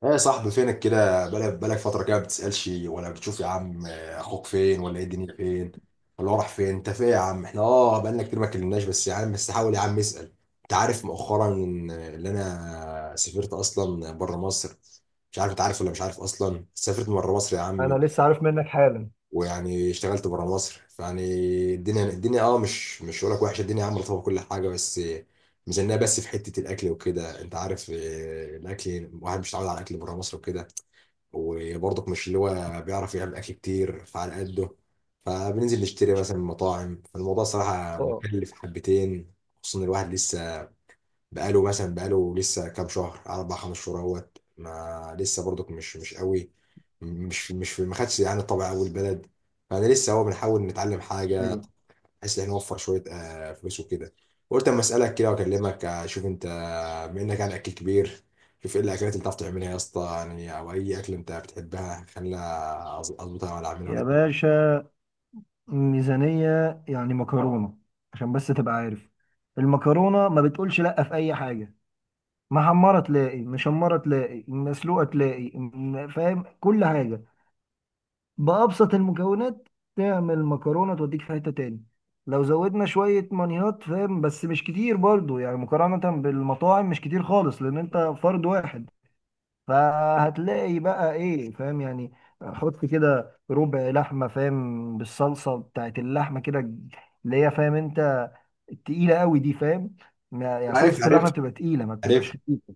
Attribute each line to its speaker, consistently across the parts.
Speaker 1: ايه يا صاحبي فينك كده بقالك فترة كده ما بتسألش ولا بتشوف يا عم، اخوك فين ولا ايه الدنيا فين ولا هو راح فين؟ انت فين يا عم؟ احنا بقالنا كتير ما اتكلمناش. بس يا عم، بس حاول يا عم اسأل. انت عارف مؤخرا ان اللي انا سافرت اصلا بره مصر؟ مش عارف انت عارف ولا مش عارف. اصلا سافرت بره مصر يا
Speaker 2: انا
Speaker 1: عم،
Speaker 2: لسه عارف منك حالا.
Speaker 1: ويعني اشتغلت بره مصر، فيعني الدنيا مش هقول لك وحشة. الدنيا يا عم رطبة، كل حاجة، بس ميزانية بس في حتة الأكل وكده. أنت عارف، الأكل، الواحد مش متعود على الأكل بره مصر وكده. وبرضك مش اللي هو بيعرف يعمل اكل كتير، فعلى قده، فبننزل نشتري مثلا من مطاعم، فالموضوع صراحة
Speaker 2: اه،
Speaker 1: مكلف حبتين. خصوصا إن الواحد لسه بقاله لسه كام شهر، اربع خمس شهور اهوت، ما لسه برضك مش قوي، مش مش ما خدش يعني طبع اول بلد. فانا لسه هو بنحاول نتعلم حاجة،
Speaker 2: ايوه
Speaker 1: بحيث ان احنا نوفر شويه فلوس وكده. قلت اما اسالك كده واكلمك، اشوف انت، بما انك يعني اكل كبير، شوف ايه الاكلات اللي بتعرف تعملها يا اسطى يعني، او اي اكل انت بتحبها، خلينا اظبطها، ولا اعملها، ولا
Speaker 2: يا
Speaker 1: اكل.
Speaker 2: باشا. ميزانية، يعني مكرونة عشان بس تبقى عارف. المكرونة ما بتقولش لأ في أي حاجة. محمرة تلاقي، مشمرة تلاقي، مسلوقة تلاقي، فاهم كل حاجة بأبسط المكونات. تعمل مكرونة توديك في حتة تاني. لو زودنا شوية مانيهات، فاهم، بس مش كتير برضو، يعني مقارنة بالمطاعم مش كتير خالص، لأن أنت فرد واحد. فهتلاقي بقى إيه، فاهم يعني. حط كده ربع لحمة، فاهم، بالصلصة بتاعت اللحمة كده، اللي هي، فاهم أنت، التقيلة قوي دي، فاهم. يعني صلصة
Speaker 1: عارف.
Speaker 2: اللحمة
Speaker 1: عارف.
Speaker 2: بتبقى تقيلة، ما بتبقاش
Speaker 1: عارف.
Speaker 2: خفيفة.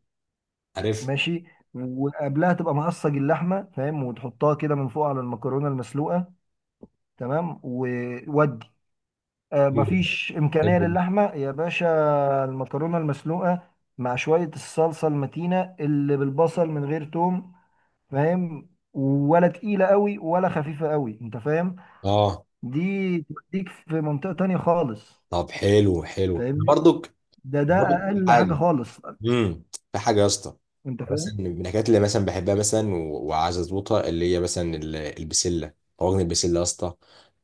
Speaker 1: عارف.
Speaker 2: ماشي. وقبلها تبقى مقصج اللحمة، فاهم، وتحطها كده من فوق على المكرونة المسلوقة. تمام وودي. آه،
Speaker 1: حلو ده،
Speaker 2: مفيش إمكانية
Speaker 1: حلو ده.
Speaker 2: للحمة يا باشا. المكرونة المسلوقة مع شوية الصلصة المتينة اللي بالبصل من غير توم، فاهم، ولا تقيلة قوي، ولا خفيفة قوي انت فاهم.
Speaker 1: اه
Speaker 2: دي توديك في منطقة تانية خالص،
Speaker 1: طب حلو، حلو.
Speaker 2: فاهمني.
Speaker 1: برضك،
Speaker 2: ده
Speaker 1: برضك
Speaker 2: أقل حاجة
Speaker 1: حاجه
Speaker 2: خالص،
Speaker 1: امم في حاجه يا اسطى،
Speaker 2: انت
Speaker 1: مثلا
Speaker 2: فاهم.
Speaker 1: من الحاجات اللي مثلا بحبها مثلا وعايز اظبطها، اللي هي مثلا البسله، طاجن البسله يا اسطى.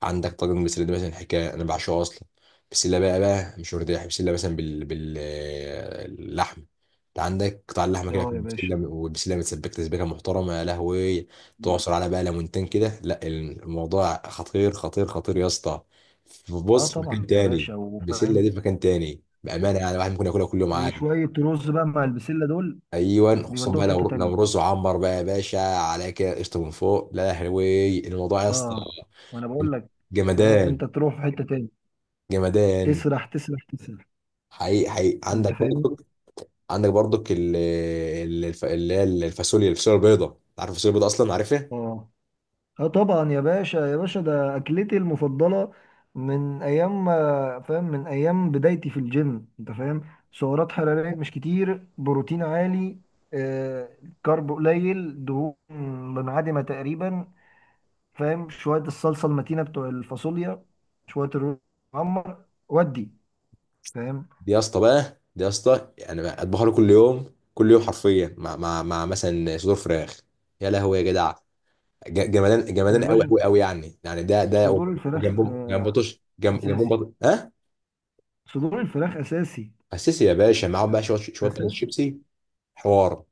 Speaker 1: عندك طاجن البسله ده مثلا حكايه، انا بعشقه اصلا. بسله بقى مش ورديه، بسله مثلا باللحم. انت عندك قطع اللحمه كده في
Speaker 2: اه يا باشا.
Speaker 1: البسله، والبسله متسبكه تسبيكه محترمه يا لهوي. تعصر على بقى ليمونتين كده، لا الموضوع خطير، خطير، خطير يا اسطى.
Speaker 2: اه
Speaker 1: بص، في مكان
Speaker 2: طبعا يا
Speaker 1: تاني.
Speaker 2: باشا،
Speaker 1: البسله
Speaker 2: وفاهم.
Speaker 1: دي في مكان تاني بامانه، يعني الواحد ممكن ياكلها كل يوم عادي.
Speaker 2: وشوية رز بقى مع البسلة دول،
Speaker 1: ايوه، خصوصا
Speaker 2: بيودوها
Speaker 1: بقى
Speaker 2: في حتة
Speaker 1: لو
Speaker 2: تانية.
Speaker 1: رز وعمر بقى يا باشا على كده قشطه من فوق، لا يا حلوي، الموضوع يا اسطى
Speaker 2: اه، وانا بقول لك، فاهم،
Speaker 1: جمدان
Speaker 2: انت تروح في حته تاني.
Speaker 1: جمدان.
Speaker 2: تسرح تسرح تسرح،
Speaker 1: حقيقي حقيقي.
Speaker 2: انت
Speaker 1: عندك
Speaker 2: فاهمني.
Speaker 1: برضك، اللي هي الفاصوليا، الفاصوليا البيضاء، انت عارف الفاصوليا البيضاء اصلا، عارفها؟
Speaker 2: اه، اه طبعا يا باشا، يا باشا ده اكلتي المفضله. من ايام فاهم من ايام بدايتي في الجيم، انت فاهم. سعرات حراريه مش كتير، بروتين عالي، آه كارب قليل، دهون منعدمه تقريبا. فاهم، شويه الصلصه المتينه بتوع الفاصوليا، شويه الرز المعمر ودي، فاهم.
Speaker 1: دي يا اسطى بقى، دي يا اسطى يعني بقى اطبخها له كل يوم، كل يوم حرفيا، مع مثلا صدور فراخ، يا لهوي يا جدع. جمدان
Speaker 2: يا
Speaker 1: جمدان، قوي قوي
Speaker 2: باشا
Speaker 1: قوي يعني ده.
Speaker 2: صدور الفراخ
Speaker 1: وجنبهم، جنب بطش، جنب
Speaker 2: اساسي.
Speaker 1: بطش ها.
Speaker 2: صدور الفراخ اساسي،
Speaker 1: اساسي يا باشا، معاهم بقى شويه، شويه بطاطس
Speaker 2: اساسي.
Speaker 1: شيبسي. حوار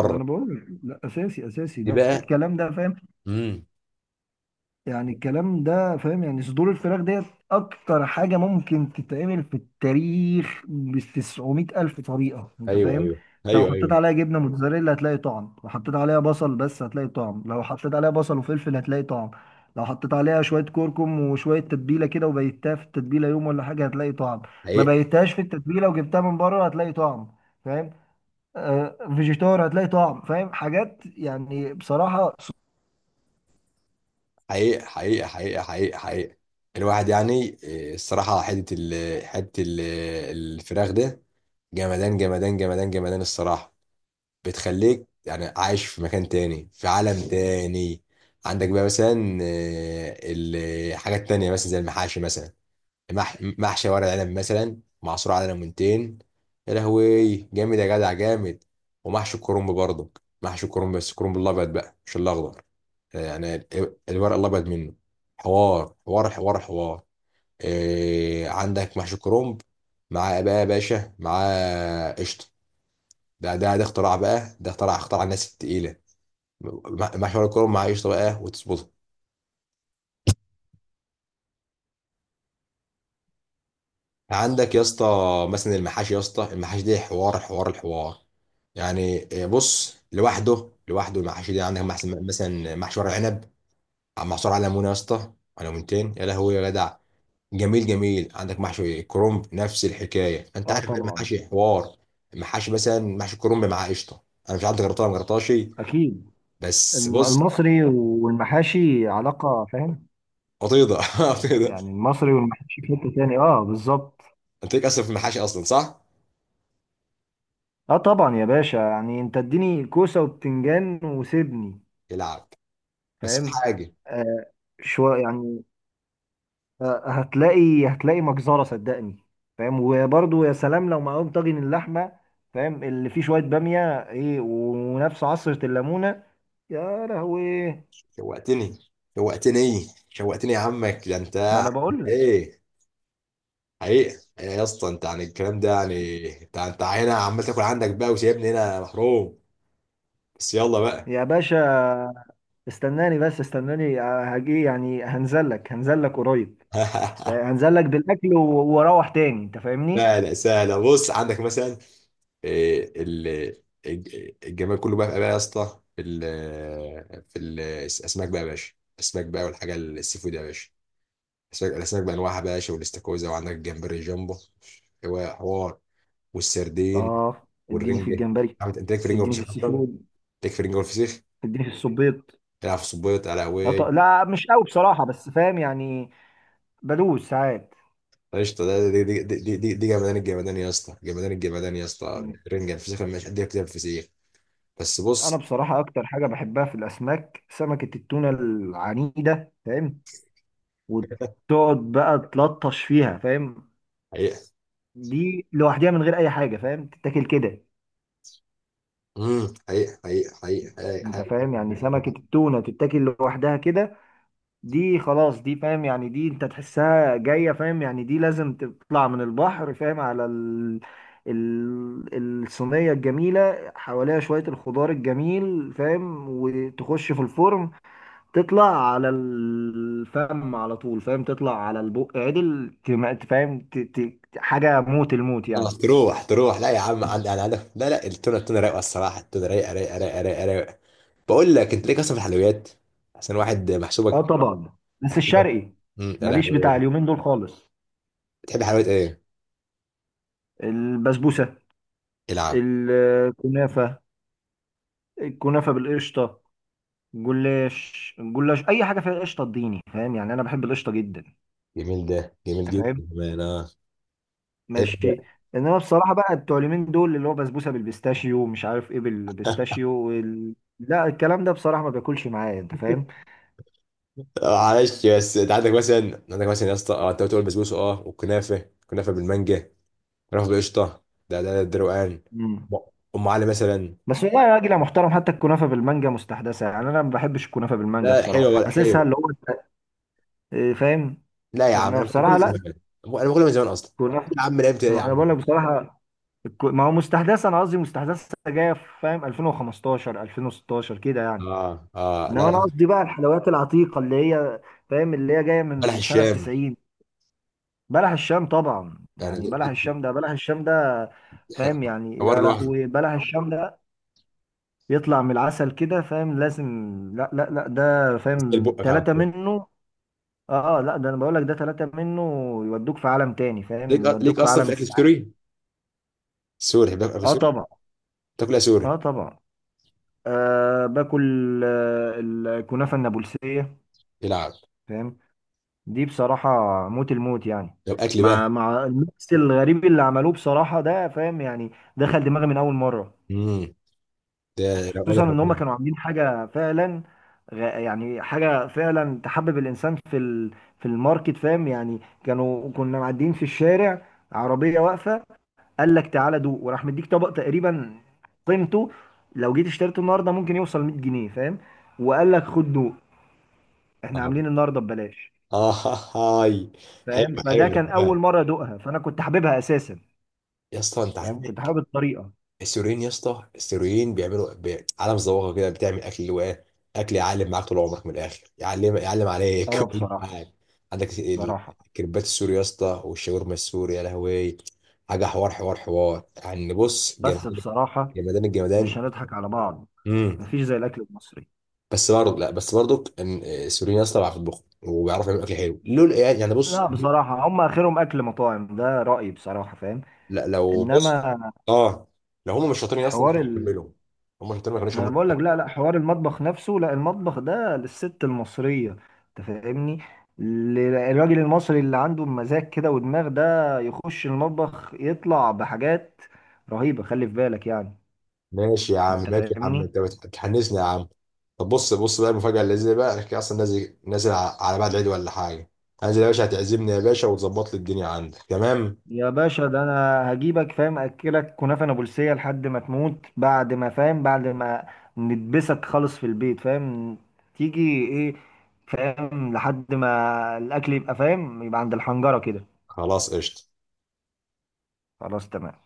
Speaker 2: ما انا بقول لك لا، اساسي اساسي
Speaker 1: دي
Speaker 2: ده
Speaker 1: بقى.
Speaker 2: الكلام ده، فاهم.
Speaker 1: امم
Speaker 2: يعني الكلام ده، فاهم، يعني صدور الفراخ ديت اكتر حاجه ممكن تتعمل في التاريخ ب 900 الف طريقه، انت
Speaker 1: ايوه،
Speaker 2: فاهم.
Speaker 1: ايوه،
Speaker 2: انت لو
Speaker 1: ايوه،
Speaker 2: حطيت
Speaker 1: ايوه.
Speaker 2: عليها جبنه موتزاريلا هتلاقي طعم، لو حطيت عليها بصل بس هتلاقي طعم، لو حطيت عليها بصل وفلفل هتلاقي طعم. لو حطيت عليها شويه كركم وشويه تتبيله كده، وبيتها في التتبيله يوم ولا حاجه، هتلاقي طعم. ما
Speaker 1: حقيقه،
Speaker 2: بيتهاش في التتبيله وجبتها من بره، هتلاقي طعم، فاهم. فيجيتار هتلاقي طعم، فاهم، حاجات يعني بصراحة.
Speaker 1: حقيقه، حقيقه، حقيقه، حقيقه، حقيقه. الواحد يعني الصراحه، حته الفراخ ده، جمدان، جمدان، جمدان، جمدان الصراحه. بتخليك يعني عايش في مكان تاني، في عالم تاني. عندك بقى مثلا حاجات تانية مثلا زي المحاشي مثلا. محشي ورق عنب مثلا، معصور على ليمونتين، يا لهوي جامد يا جدع، جامد. ومحشي الكرنب برضك، محشي الكرنب، بس الكرنب الابيض بقى مش الاخضر. يعني الورق الابيض منه، حوار حوار حوار حوار. إيه، عندك محشي كرنب، مع بقى يا باشا، مع قشطه؟ ده، ده اختراع بقى، ده اختراع، اختراع الناس التقيله. محشي ورق الكرنب مع قشطه بقى، وتظبط. عندك يا اسطى مثلا المحاشي يا اسطى، المحاشي دي حوار حوار الحوار، يعني بص، لوحده لوحده. المحاشي دي عندك مثلا محشي ورق عنب محشور على ليمونه يا اسطى، على ليمونتين، يا لهوي يا جدع. جميل، جميل. عندك محشي كرنب، نفس الحكايه انت
Speaker 2: اه
Speaker 1: عارف بقى،
Speaker 2: طبعا.
Speaker 1: المحاشي حوار. المحاشي مثلا محشي كرنب مع قشطه، انا مش عارف جربتها ولا ما جربتهاش.
Speaker 2: اكيد.
Speaker 1: بس بص،
Speaker 2: المصري والمحاشي علاقه، فاهم.
Speaker 1: قطيضه قطيضه.
Speaker 2: يعني المصري والمحاشي في حته تاني، اه بالظبط.
Speaker 1: انت ليك اصلا في المحاشي اصلا صح؟
Speaker 2: اه طبعا يا باشا، يعني انت اديني كوسه وبتنجان وسيبني،
Speaker 1: يلعب. بس في
Speaker 2: فاهم.
Speaker 1: حاجه.
Speaker 2: آه. شويه يعني. آه، هتلاقي مجزره صدقني. فاهم، وبرضه يا سلام لو معاهم طاجن اللحمه، فاهم، اللي فيه شويه باميه، ايه، ونفس عصره الليمونه، يا لهوي.
Speaker 1: شوقتني، شوقتني، شوقتني يا عمك، ده انت
Speaker 2: ما
Speaker 1: عامل
Speaker 2: انا بقول لك،
Speaker 1: ايه حقيقة؟ ايه يا اسطى انت، عن الكلام ده يعني، انت هنا عمال تاكل عندك بقى، وسايبني هنا محروم؟ بس يلا بقى.
Speaker 2: يا باشا، استناني بس، استناني هجي، يعني هنزل لك، هنزل لك قريب. هنزل لك بالاكل واروح تاني، انت فاهمني.
Speaker 1: سهلة، سهلة. بص، عندك مثلا إيه، ال- الجمال كله بقى، يا اسطى، في في الاسماك بقى يا باشا، الاسماك بقى، والحاجه السي فود يا باشا. الاسماك، بانواعها بقى يا باشا، والاستاكوزا، وعندك الجمبري جامبو، هو حوار، والسردين،
Speaker 2: اه اديني في
Speaker 1: والرنجة.
Speaker 2: الجمبري.
Speaker 1: عملت انت، ليك في رنجة
Speaker 2: اديني في
Speaker 1: وفسيخ
Speaker 2: السي
Speaker 1: اصلا،
Speaker 2: فود.
Speaker 1: ليك في رنجة والفسيخ.
Speaker 2: اديني في الصبيط.
Speaker 1: العب في صبيط على هواي.
Speaker 2: لا مش قوي بصراحة، بس فاهم يعني، بدوس ساعات.
Speaker 1: قشطة. ده، دي، دي جمدان الجمدان يا اسطى، جمدان الجمدان يا اسطى. الرنجة الفسيخ، لما مش قد كده الفسيخ، بس
Speaker 2: انا
Speaker 1: بص،
Speaker 2: بصراحة اكتر حاجة بحبها في الاسماك سمكة التونة العنيدة، فاهم. وتقعد بقى تلطش فيها، فاهم.
Speaker 1: حقيقة.
Speaker 2: دي لوحدها من غير اي حاجة، فاهم، تتاكل كده.
Speaker 1: حقيقة، حقيقة، حقيقة،
Speaker 2: انت
Speaker 1: حقيقة،
Speaker 2: فاهم، يعني سمكة
Speaker 1: حقيقة.
Speaker 2: التونة تتاكل لوحدها كده. دي خلاص، دي فاهم، يعني دي انت تحسها جاية، فاهم، يعني دي لازم تطلع من البحر، فاهم، على الصينية الجميلة، حواليها شوية الخضار الجميل، فاهم، وتخش في الفرن. تطلع على الفم على طول، فاهم، تطلع على البق عدل، فاهم، حاجة موت الموت
Speaker 1: اه
Speaker 2: يعني.
Speaker 1: تروح، تروح، لا يا عم، عندي انا عندك، لا، لا. التونة، رايقة الصراحة، التونة رايقة، رايقة، رايقة، رايقة، رايقة. بقول لك، انت ليك اصلا في الحلويات؟ عشان واحد
Speaker 2: اه، طب
Speaker 1: محسوبك،
Speaker 2: طبعا، بس
Speaker 1: محسوبك.
Speaker 2: الشرقي
Speaker 1: يا
Speaker 2: ماليش
Speaker 1: لهوي،
Speaker 2: بتاع اليومين دول خالص.
Speaker 1: بتحب حلويات ايه؟
Speaker 2: البسبوسة،
Speaker 1: العب.
Speaker 2: الكنافة، الكنافة بالقشطة، جلاش جلاش أي حاجة فيها قشطة اديني، فاهم، يعني أنا بحب القشطة جدا.
Speaker 1: جميل، ده جميل
Speaker 2: أنت
Speaker 1: جدا
Speaker 2: فاهم،
Speaker 1: كمان.
Speaker 2: ماشي.
Speaker 1: ال-
Speaker 2: إنما بصراحة بقى بتوع اليومين دول اللي هو بسبوسة بالبيستاشيو ومش عارف إيه بالبيستاشيو لا الكلام ده بصراحة ما بياكلش معايا، أنت فاهم.
Speaker 1: معلش، بس انت عندك مثلا، يا اسطى، انت بتقول بسبوسه، والكنافه، كنافه بالمانجا، كنافه بالقشطه، ده، ده روقان.
Speaker 2: مم.
Speaker 1: ام أم علي مثلا.
Speaker 2: بس والله يا راجل يا محترم، حتى الكنافة بالمانجا مستحدثة، يعني أنا ما بحبش الكنافة بالمانجا
Speaker 1: لا، حلوه،
Speaker 2: بصراحة،
Speaker 1: ولا
Speaker 2: حاسسها
Speaker 1: حلوه؟
Speaker 2: اللي هو إيه، فاهم،
Speaker 1: لا يا عم
Speaker 2: إنما
Speaker 1: انا باكلها
Speaker 2: بصراحة
Speaker 1: من
Speaker 2: لا.
Speaker 1: زمان، انا باكلها من زمان اصلا
Speaker 2: الكنافة،
Speaker 1: يا عم، لعبت ايه يا
Speaker 2: أنا
Speaker 1: عم.
Speaker 2: بقول لك بصراحة، ما هو مستحدثه، انا قصدي مستحدثه جايه في، فاهم، 2015 2016 كده يعني.
Speaker 1: اه، اه،
Speaker 2: انما
Speaker 1: لا،
Speaker 2: انا
Speaker 1: لا.
Speaker 2: قصدي بقى الحلويات العتيقه اللي هي، فاهم، اللي هي جايه
Speaker 1: بلح
Speaker 2: من سنه
Speaker 1: الشام.
Speaker 2: 90. بلح الشام طبعا،
Speaker 1: يعني
Speaker 2: يعني بلح الشام ده، بلح الشام ده،
Speaker 1: ده
Speaker 2: فاهم يعني.
Speaker 1: حوار
Speaker 2: لا لا،
Speaker 1: لوحده.
Speaker 2: وبلح الشام ده يطلع من العسل كده، فاهم، لازم. لا لا لا، ده
Speaker 1: تسال
Speaker 2: فاهم،
Speaker 1: بقك على
Speaker 2: ثلاثه
Speaker 1: طول.
Speaker 2: منه. اه، لا، ده انا بقول لك ده ثلاثه منه يودوك في عالم تاني،
Speaker 1: ليك
Speaker 2: فاهم،
Speaker 1: ليك
Speaker 2: يودوك في
Speaker 1: اصلا
Speaker 2: عالم
Speaker 1: في اكل
Speaker 2: السعاده.
Speaker 1: سوري، سوري بقى، اكل
Speaker 2: اه
Speaker 1: سوري؟
Speaker 2: طبعا.
Speaker 1: تاكلها
Speaker 2: اه
Speaker 1: سوري،
Speaker 2: طبعا. أه باكل الكنافة النابلسية،
Speaker 1: يلعب.
Speaker 2: فاهم. دي بصراحة موت الموت يعني،
Speaker 1: طب اكل بقى.
Speaker 2: مع الميكس الغريب اللي عملوه بصراحة ده، فاهم يعني، دخل دماغي من أول مرة.
Speaker 1: امم ده روقان
Speaker 2: خصوصا إن هما
Speaker 1: الروقان.
Speaker 2: كانوا عاملين حاجة فعلا، يعني حاجة فعلا تحبب الإنسان في في الماركت، فاهم، يعني كنا معديين في الشارع، عربية واقفة، قال لك تعالى دوق، وراح مديك طبق تقريبا قيمته لو جيت اشتريته النهاردة ممكن يوصل 100 جنيه، فاهم، وقال لك خد دوق، احنا
Speaker 1: آه.
Speaker 2: عاملين النهارده ببلاش.
Speaker 1: اه هاي،
Speaker 2: فاهم،
Speaker 1: حلو،
Speaker 2: اوكي، فده
Speaker 1: حلو
Speaker 2: كان
Speaker 1: تمام.
Speaker 2: اول مره ادوقها، فانا كنت حاببها اساسا،
Speaker 1: يا اسطى انت
Speaker 2: فاهم، كنت
Speaker 1: عندك
Speaker 2: حابب الطريقه.
Speaker 1: السوريين يا اسطى، السوريين بيعملوا عالم زواغه كده، بتعمل اكل اللي هو ايه، اكل يعلم معاك طول عمرك، من الاخر يعلم، عليك
Speaker 2: اه
Speaker 1: يعلم
Speaker 2: بصراحه.
Speaker 1: معاك. عندك
Speaker 2: بصراحه،
Speaker 1: الكريبات السوري يا اسطى، والشاورما السوري، يا لهوي. حاجه حوار حوار حوار، يعني بص،
Speaker 2: بس
Speaker 1: جمدان،
Speaker 2: بصراحه
Speaker 1: جمدان
Speaker 2: مش
Speaker 1: الجمدان.
Speaker 2: هنضحك على بعض،
Speaker 1: امم
Speaker 2: مفيش زي الاكل المصري.
Speaker 1: بس برضه، لا بس برضه ان السوريين يا اسطى بيعرفوا يطبخوا، وبيعرفوا يعملوا اكل حلو لول يعني بص،
Speaker 2: لا بصراحه هم اخرهم اكل مطاعم ده رايي بصراحه، فاهم.
Speaker 1: لا لو بص
Speaker 2: انما
Speaker 1: اه لو هم مش شاطرين اصلا ما
Speaker 2: حوار،
Speaker 1: كانوش كملوا، هم شاطرين، ما كانوش
Speaker 2: ما انا بقول
Speaker 1: كملوا.
Speaker 2: لك، لا لا حوار المطبخ نفسه، لا المطبخ ده للست المصريه، انت فاهمني. الراجل المصري اللي عنده مزاج كده ودماغ، ده يخش المطبخ يطلع بحاجات رهيبه، خلي في بالك يعني.
Speaker 1: ماشي يا عم،
Speaker 2: انت
Speaker 1: ماشي يا عم،
Speaker 2: فاهمني
Speaker 1: انت بتحنسني يا عم. طب بص، بص بقى، المفاجاه اللي زي بقى، انا كده اصلا نازل، نازل على بعد العيد ولا حاجه. انزل يا باشا، هتعزمني يا باشا، وتظبط لي الدنيا عندك تمام.
Speaker 2: يا باشا. ده انا هجيبك، فاهم، اكلك كنافه نابلسيه لحد ما تموت، بعد ما فاهم، بعد ما ندبسك خالص في البيت، فاهم، تيجي ايه، فاهم، لحد ما الاكل يبقى، فاهم، يبقى عند الحنجره كده.
Speaker 1: خلاص، قشطه.
Speaker 2: خلاص تمام.